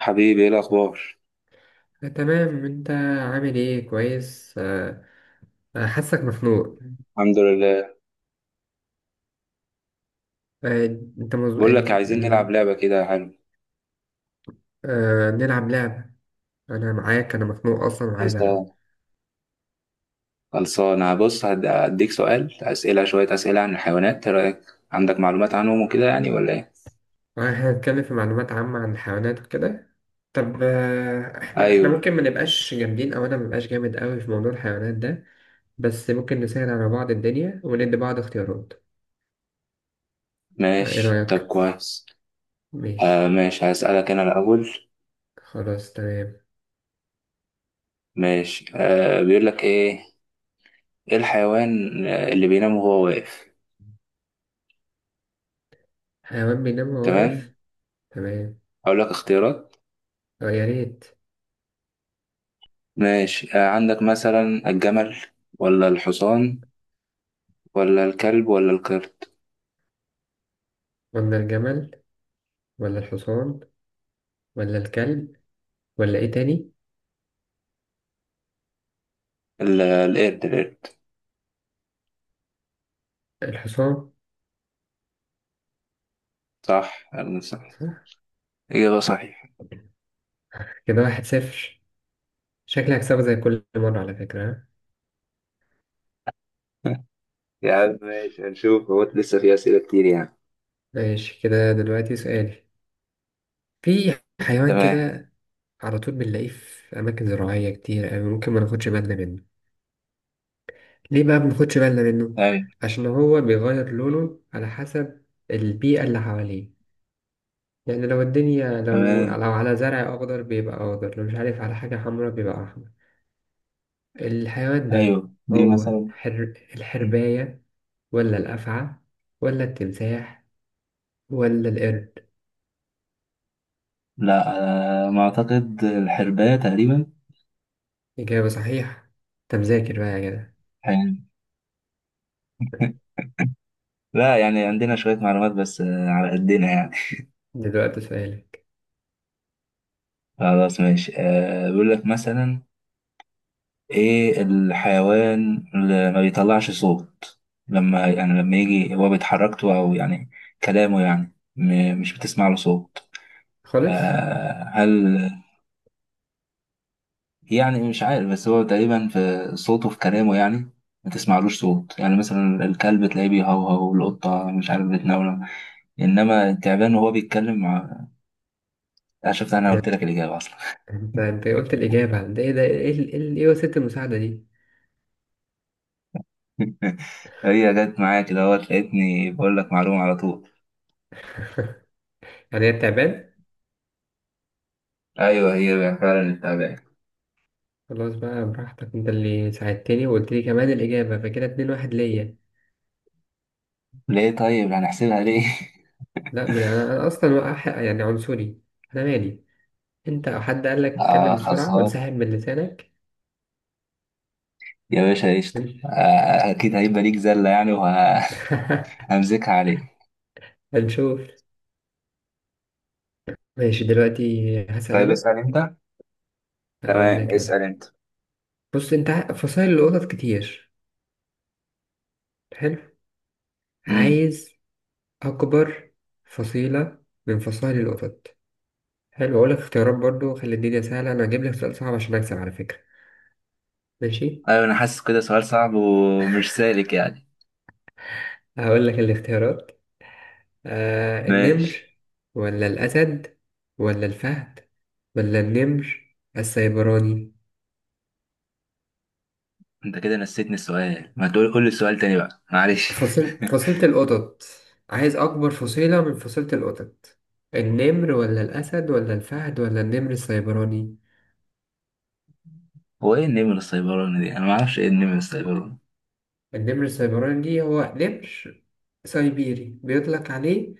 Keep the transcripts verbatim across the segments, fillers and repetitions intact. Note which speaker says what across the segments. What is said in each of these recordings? Speaker 1: حبيبي، ايه الاخبار؟
Speaker 2: آه، تمام، انت عامل ايه كويس. آه. آه، حاسك مخنوق.
Speaker 1: الحمد لله.
Speaker 2: آه، انت مز...
Speaker 1: بقول لك،
Speaker 2: ال-
Speaker 1: عايزين نلعب
Speaker 2: ال-
Speaker 1: لعبه كده. حلو.
Speaker 2: آه، نلعب لعبة. انا معاك، انا مخنوق اصلا وعايز العب.
Speaker 1: خلصان. خلصان، أنا بص، هد- هديك سؤال، اسئله شويه اسئله عن الحيوانات. ايه رايك؟ عندك معلومات عنهم وكده يعني ولا ايه؟
Speaker 2: آه، احنا هنتكلم في معلومات عامة عن الحيوانات وكده. طب، آه، احنا احنا
Speaker 1: ايوه.
Speaker 2: ممكن ما نبقاش جامدين، او انا ما بقاش جامد قوي في موضوع الحيوانات ده. بس ممكن نسهل على بعض الدنيا وندي بعض اختيارات. آه، ايه
Speaker 1: ماشي طب
Speaker 2: رأيك؟
Speaker 1: كويس. آه،
Speaker 2: ماشي،
Speaker 1: ماشي. هسالك انا الاول.
Speaker 2: خلاص تمام.
Speaker 1: ماشي. آه، بيقول لك ايه؟ ايه الحيوان اللي بينام وهو واقف؟
Speaker 2: حيوان بينام وهو
Speaker 1: تمام.
Speaker 2: واقف. تمام.
Speaker 1: اقول لك اختيارات.
Speaker 2: آه، يا ريت.
Speaker 1: ماشي. آه، عندك مثلا الجمل ولا الحصان ولا الكلب ولا القرد؟
Speaker 2: قلنا الجمل، ولا الحصان، ولا الكلب، ولا ايه تاني؟
Speaker 1: ال- القرد القرد.
Speaker 2: الحصان.
Speaker 1: صح؟ أنا صح؟
Speaker 2: صح.
Speaker 1: إجابة صحيحة.
Speaker 2: كده واحد صفر. شكلي هكسبه زي كل مرة على فكرة، ها؟
Speaker 1: يا عم ماشي، هنشوف هو لسه في أسئلة كتير يعني.
Speaker 2: ماشي. كده دلوقتي سؤالي. في حيوان
Speaker 1: تمام.
Speaker 2: كده على طول بنلاقيه في أماكن زراعية كتير أوي، ممكن ما ناخدش بالنا منه. ليه بقى ما بناخدش بالنا منه؟
Speaker 1: أيوة.
Speaker 2: عشان هو بيغير لونه على حسب البيئة اللي حواليه. يعني لو الدنيا، لو
Speaker 1: تمام.
Speaker 2: لو على زرع أخضر بيبقى أخضر، لو مش عارف على حاجة حمرا بيبقى أحمر. الحيوان ده
Speaker 1: أيوه دي
Speaker 2: هو
Speaker 1: مثلا.
Speaker 2: حر... الحرباية، ولا الأفعى، ولا التمساح، ولا القرد؟
Speaker 1: لا. آه، ما أعتقد الحرباية تقريبا.
Speaker 2: إجابة صحيحة. أنت مذاكر بقى يا جدع.
Speaker 1: يعني. لا يعني عندنا شوية معلومات، بس آه، على قدنا يعني.
Speaker 2: دلوقتي سؤالك.
Speaker 1: خلاص ماشي، آه، بيقول لك مثلا: إيه الحيوان اللي ما بيطلعش صوت لما، يعني لما يجي، هو بيتحركته أو يعني كلامه، يعني م- مش بتسمع له صوت.
Speaker 2: خالص.
Speaker 1: آه، هل يعني مش عارف، بس هو تقريبا في صوته في كلامه يعني ما تسمعلوش صوت. يعني مثلا الكلب تلاقيه بيهوهو، والقطة مش عارف بتنونو، إنما التعبان وهو بيتكلم مع... أنا شفت، أنا
Speaker 2: إيه،
Speaker 1: قلت لك الإجابة أصلا.
Speaker 2: أنت أنت قلت الإجابة. ده إيه؟ ده إيه ال- إيه ال- إيه وسيلة المساعدة دي؟
Speaker 1: هي جت معايا كده، هو لقيتني بقول لك معلومة على طول.
Speaker 2: يعني هي بتعبان.
Speaker 1: أيوه، هي فعلا التعبان.
Speaker 2: خلاص بقى، براحتك، أنت اللي ساعدتني وقلت لي كمان الإجابة، فكده اتنين واحد ليا.
Speaker 1: ليه طيب هنحسبها ليه؟
Speaker 2: لا، من أنا, أنا أصلا وقح- يعني عنصري. أنا مالي. أنت أو حد قال لك
Speaker 1: آه،
Speaker 2: اتكلم بسرعة
Speaker 1: خلصان
Speaker 2: وانسحب من لسانك؟
Speaker 1: يا باشا، قشطة. آه أكيد هيبقى ليك زلة يعني، وهمسكها عليك.
Speaker 2: هنشوف. ماشي دلوقتي، هسأل
Speaker 1: طيب
Speaker 2: أنا.
Speaker 1: اسأل أنت.
Speaker 2: هقول
Speaker 1: تمام
Speaker 2: لك أنا.
Speaker 1: اسأل أنت.
Speaker 2: بص، انت ع- فصائل القطط كتير. حلو. عايز اكبر فصيلة من فصائل القطط. حلو، اقول لك اختيارات برضو، خلي الدنيا سهلة، انا هجيب لك سؤال صعب عشان اكسب على فكرة. ماشي.
Speaker 1: ايوه، انا حاسس كده سؤال صعب ومش سالك يعني.
Speaker 2: هقول لك الاختيارات. آه،
Speaker 1: ماشي.
Speaker 2: النمر، ولا الاسد، ولا الفهد، ولا النمر السيبراني.
Speaker 1: انت كده نسيتني السؤال، ما تقول قول لي السؤال تاني بقى، معلش.
Speaker 2: فصيل فصيلة القطط. عايز اكبر فصيلة من فصيلة القطط. النمر، ولا الاسد، ولا الفهد، ولا النمر السيبراني.
Speaker 1: هو ايه النمر السيبراني دي؟ انا ما اعرفش ايه النمر السيبراني.
Speaker 2: النمر السيبراني دي هو نمر سيبيري بيطلق عليه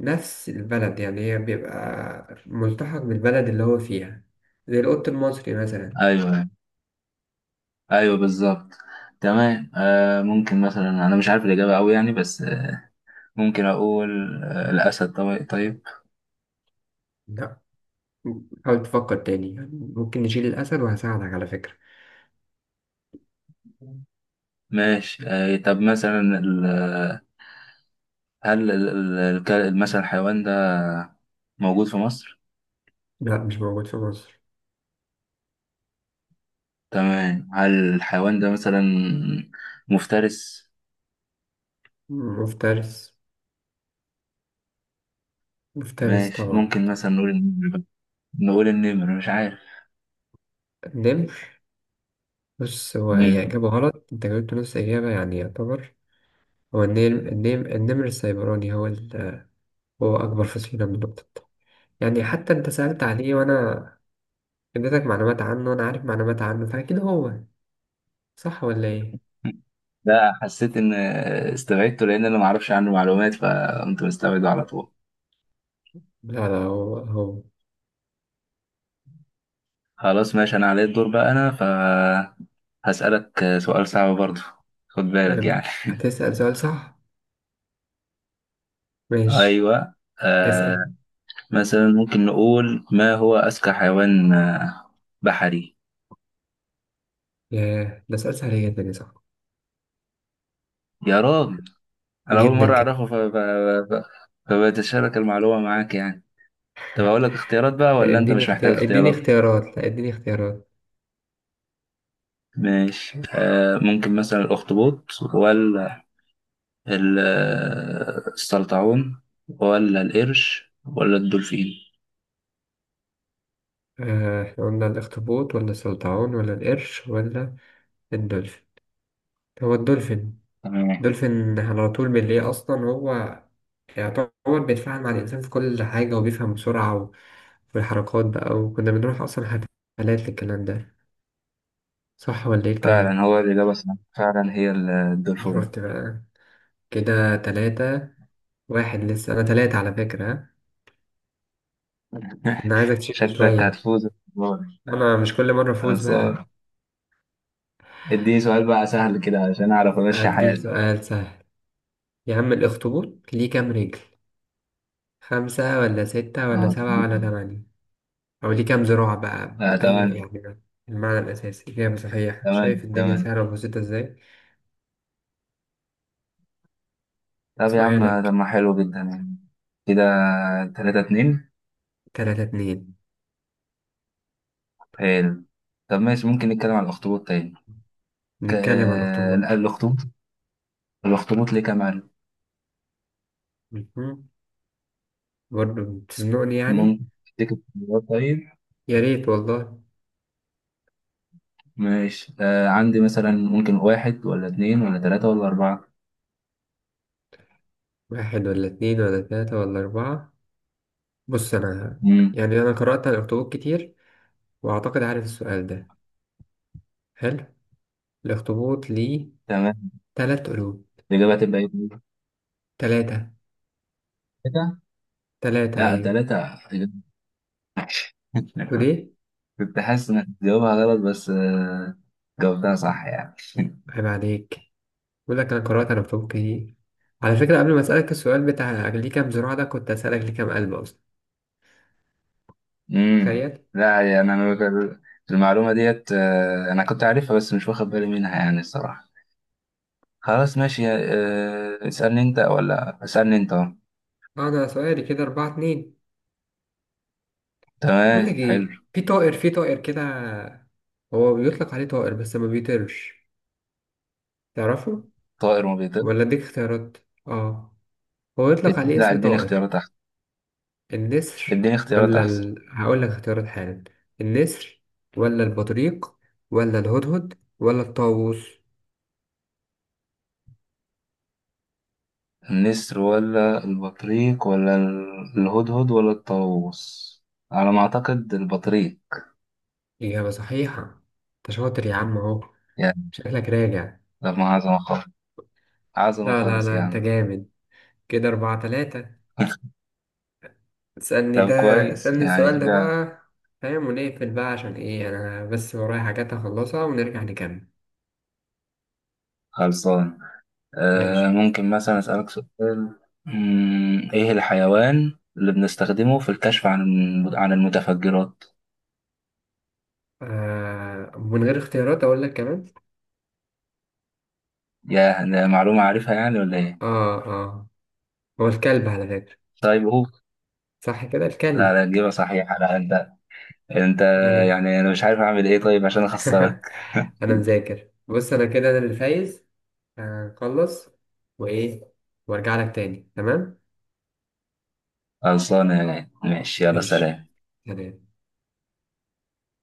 Speaker 2: نفس البلد، يعني هي بيبقى ملتحق بالبلد اللي هو فيها، زي القط المصري مثلا.
Speaker 1: ايوه ايوه بالظبط. تمام. آه ممكن مثلا، انا مش عارف الاجابه قوي يعني، بس آه، ممكن اقول آه الاسد طبعا. طيب
Speaker 2: لا، حاول تفكر تاني يعني. ممكن نشيل الأسد، وهساعدك على فكرة.
Speaker 1: ماشي. آه طب مثلا ال- هل ال- ال- الك- مثلا الحيوان ده موجود في مصر؟
Speaker 2: لا، مش موجود في مصر.
Speaker 1: تمام. هل الحيوان ده مثلا مفترس؟
Speaker 2: مفترس. مفترس
Speaker 1: ماشي،
Speaker 2: طبعا.
Speaker 1: ممكن مثلا نقول النمر بقى. نقول النمر، مش عارف.
Speaker 2: النمر. بص، هو هي
Speaker 1: مم.
Speaker 2: إجابة غلط، أنت جاوبت نص إجابة يعني يعتبر. هو النمر النمر, النمر السيبراني هو ال... هو أكبر فصيلة من القطط. يعني حتى أنت سألت عليه، وأنا اديتك معلومات عنه، وانا عارف معلومات عنه، فاكيد هو صح ولا ايه؟
Speaker 1: ده حسيت ان استبعدته، لان انا ما اعرفش عنه معلومات، فقمت مستبعده على طول.
Speaker 2: لا لا، هو هو.
Speaker 1: خلاص ماشي، انا عليا الدور بقى، انا فهسألك سؤال صعب برضه. خد بالك يعني.
Speaker 2: أم، هتسأل سؤال صح؟ ماشي،
Speaker 1: ايوه. آه
Speaker 2: اسأل.
Speaker 1: مثلا ممكن نقول ما هو اذكى حيوان آه، بحري؟
Speaker 2: ياه، ده سؤال سهل جدا يا صاحبي.
Speaker 1: يا راجل، انا اول
Speaker 2: جدا
Speaker 1: مره
Speaker 2: كده.
Speaker 1: اعرفه ف... ف... ف... فبتشارك المعلومه معاك يعني. طب اقول لك اختيارات بقى ولا انت
Speaker 2: اديني
Speaker 1: مش محتاج
Speaker 2: اختيار، اديني
Speaker 1: اختيارات؟
Speaker 2: اختيارات، لا اديني اختيارات.
Speaker 1: ماشي. آه ممكن مثلا الأخطبوط ولا ال- آه، السلطعون ولا القرش ولا الدولفين؟
Speaker 2: آه، احنا قلنا الاخطبوط، ولا السلطعون، ولا القرش، ولا الدولفين. هو الدولفين.
Speaker 1: تمام.
Speaker 2: دولفين على طول بالليل أصلا، هو يعتبر بيتفاعل مع الإنسان في كل حاجة وبيفهم بسرعة، و- والحركات بقى، وكنا بنروح أصلا حفلات للكلام ده. صح ولا إيه
Speaker 1: فعلا
Speaker 2: الكلام؟
Speaker 1: هو الإجابة صح، فعلا هي ال- الدولفين.
Speaker 2: شفت بقى. كده تلاتة واحد، لسه أنا تلاتة على فكرة، ها؟ فأنا عايزك تشد
Speaker 1: شكلك
Speaker 2: شوية.
Speaker 1: هتفوز المرة دي.
Speaker 2: أنا مش كل مرة أفوز
Speaker 1: خلصان.
Speaker 2: بقى.
Speaker 1: اديني سؤال بقى سهل كده عشان أعرف أمشي
Speaker 2: أديك
Speaker 1: حياتي.
Speaker 2: سؤال سهل. يا عم، الأخطبوط ليه كام رجل؟ خمسة، ولا ستة، ولا
Speaker 1: آه.
Speaker 2: سبعة، ولا تمانية؟ أو ليه كام زراعة بقى،
Speaker 1: آه،
Speaker 2: بأي
Speaker 1: تمام
Speaker 2: يعني المعنى الأساسي. إجابة صحيحة. شايف
Speaker 1: تمام
Speaker 2: الدنيا
Speaker 1: تمام.
Speaker 2: سهلة وبسيطة إزاي.
Speaker 1: طب يا عم طب،
Speaker 2: سؤالك.
Speaker 1: ما حلو جدا يعني كده. تلاتة اتنين.
Speaker 2: تلاتة اتنين.
Speaker 1: حلو. طب ماشي، ممكن نتكلم على الأخطبوط تاني. ك-
Speaker 2: نتكلم عن
Speaker 1: آه،
Speaker 2: الأخطبوط.
Speaker 1: الأخطبوط. الاخطبوط ليه كام علبة؟
Speaker 2: مهم. برضه بتزنقني يعني.
Speaker 1: ممكن تفتكر الخيارات طيب.
Speaker 2: يا ريت والله.
Speaker 1: ماشي. آه عندي مثلا، ممكن واحد ولا اتنين ولا تلاتة ولا أربعة؟
Speaker 2: واحد، ولا اتنين، ولا تلاتة، ولا أربعة؟ بص أنا،
Speaker 1: مم.
Speaker 2: يعني أنا قرأت عن الأخطبوط كتير، وأعتقد عارف السؤال ده. حلو. الأخطبوط ليه
Speaker 1: تمام.
Speaker 2: تلات قلوب.
Speaker 1: الإجابة هتبقى إيه؟
Speaker 2: تلاتة.
Speaker 1: تلاتة؟
Speaker 2: تلاتة
Speaker 1: لا
Speaker 2: أيوة.
Speaker 1: تلاتة.
Speaker 2: تقول إيه؟
Speaker 1: كنت حاسس إنك تجاوبها غلط، بس آه جاوبتها صح يعني.
Speaker 2: عيب عليك. بقول لك انا قرات انا بحبك ايه على فكره. قبل ما اسالك السؤال بتاع ليه كام زراعه ده، كنت اسالك ليه كام قلب اصلا.
Speaker 1: مم.
Speaker 2: تخيل.
Speaker 1: لا يعني أنا بك- المعلومة ديت آه أنا كنت عارفها، بس مش واخد بالي منها يعني، الصراحة. خلاص ماشي. آه اسألني أنت ولا اسألني أنت؟
Speaker 2: انا سؤالي كده أربعة اتنين. بقول لك
Speaker 1: تمام حلو.
Speaker 2: ايه، في طائر في طائر كده، هو بيطلق عليه طائر بس ما بيطيرش. تعرفه
Speaker 1: طائر ما بيطيرش.
Speaker 2: ولا اديك اختيارات؟ اه. هو يطلق عليه
Speaker 1: لا،
Speaker 2: اسم
Speaker 1: اديني
Speaker 2: طائر.
Speaker 1: اختيارات احسن.
Speaker 2: النسر،
Speaker 1: اديني اختيارات
Speaker 2: ولا
Speaker 1: احسن.
Speaker 2: ال... هقول لك اختيارات حالا. النسر، ولا البطريق، ولا الهدهد، ولا الطاووس.
Speaker 1: النسر ولا البطريق ولا ال- الهدهد ولا الطاووس؟ على ما اعتقد البطريق.
Speaker 2: اجابه صحيحه. انت شاطر يا عم اهو.
Speaker 1: يعني.
Speaker 2: شكلك راجع.
Speaker 1: طب ما عظمة خالص. عظمة
Speaker 2: لا لا
Speaker 1: خالص
Speaker 2: لا، انت
Speaker 1: يعني.
Speaker 2: جامد. كده اربعة تلاتة. اسألني ده.
Speaker 1: طب كويس
Speaker 2: اسألني
Speaker 1: يعني
Speaker 2: السؤال ده
Speaker 1: كده.
Speaker 2: بقى، فاهم، ونقفل بقى عشان ايه، انا بس ورايا حاجات هخلصها ونرجع نكمل.
Speaker 1: خلصان.
Speaker 2: ماشي.
Speaker 1: آه ممكن مثلا اسألك سؤال. مم، ايه الحيوان اللي بنستخدمه في الكشف عن الم- عن المتفجرات؟
Speaker 2: آه، من غير اختيارات اقول لك كمان.
Speaker 1: يا، ده معلومة عارفها يعني ولا ايه؟
Speaker 2: اه اه. هو الكلب على فكرة.
Speaker 1: طيب قول.
Speaker 2: صح كده
Speaker 1: لا
Speaker 2: الكلب.
Speaker 1: لا، إجابة صحيحة. لا أنت، انت
Speaker 2: يعني.
Speaker 1: يعني. انا مش عارف اعمل ايه طيب عشان اخسرك.
Speaker 2: انا مذاكر. بص انا كده انا اللي فايز. هخلص وايه، وارجع لك تاني. تمام
Speaker 1: خلصانه يعني. ماشي يلا،
Speaker 2: ماشي.
Speaker 1: سلام.
Speaker 2: سلام.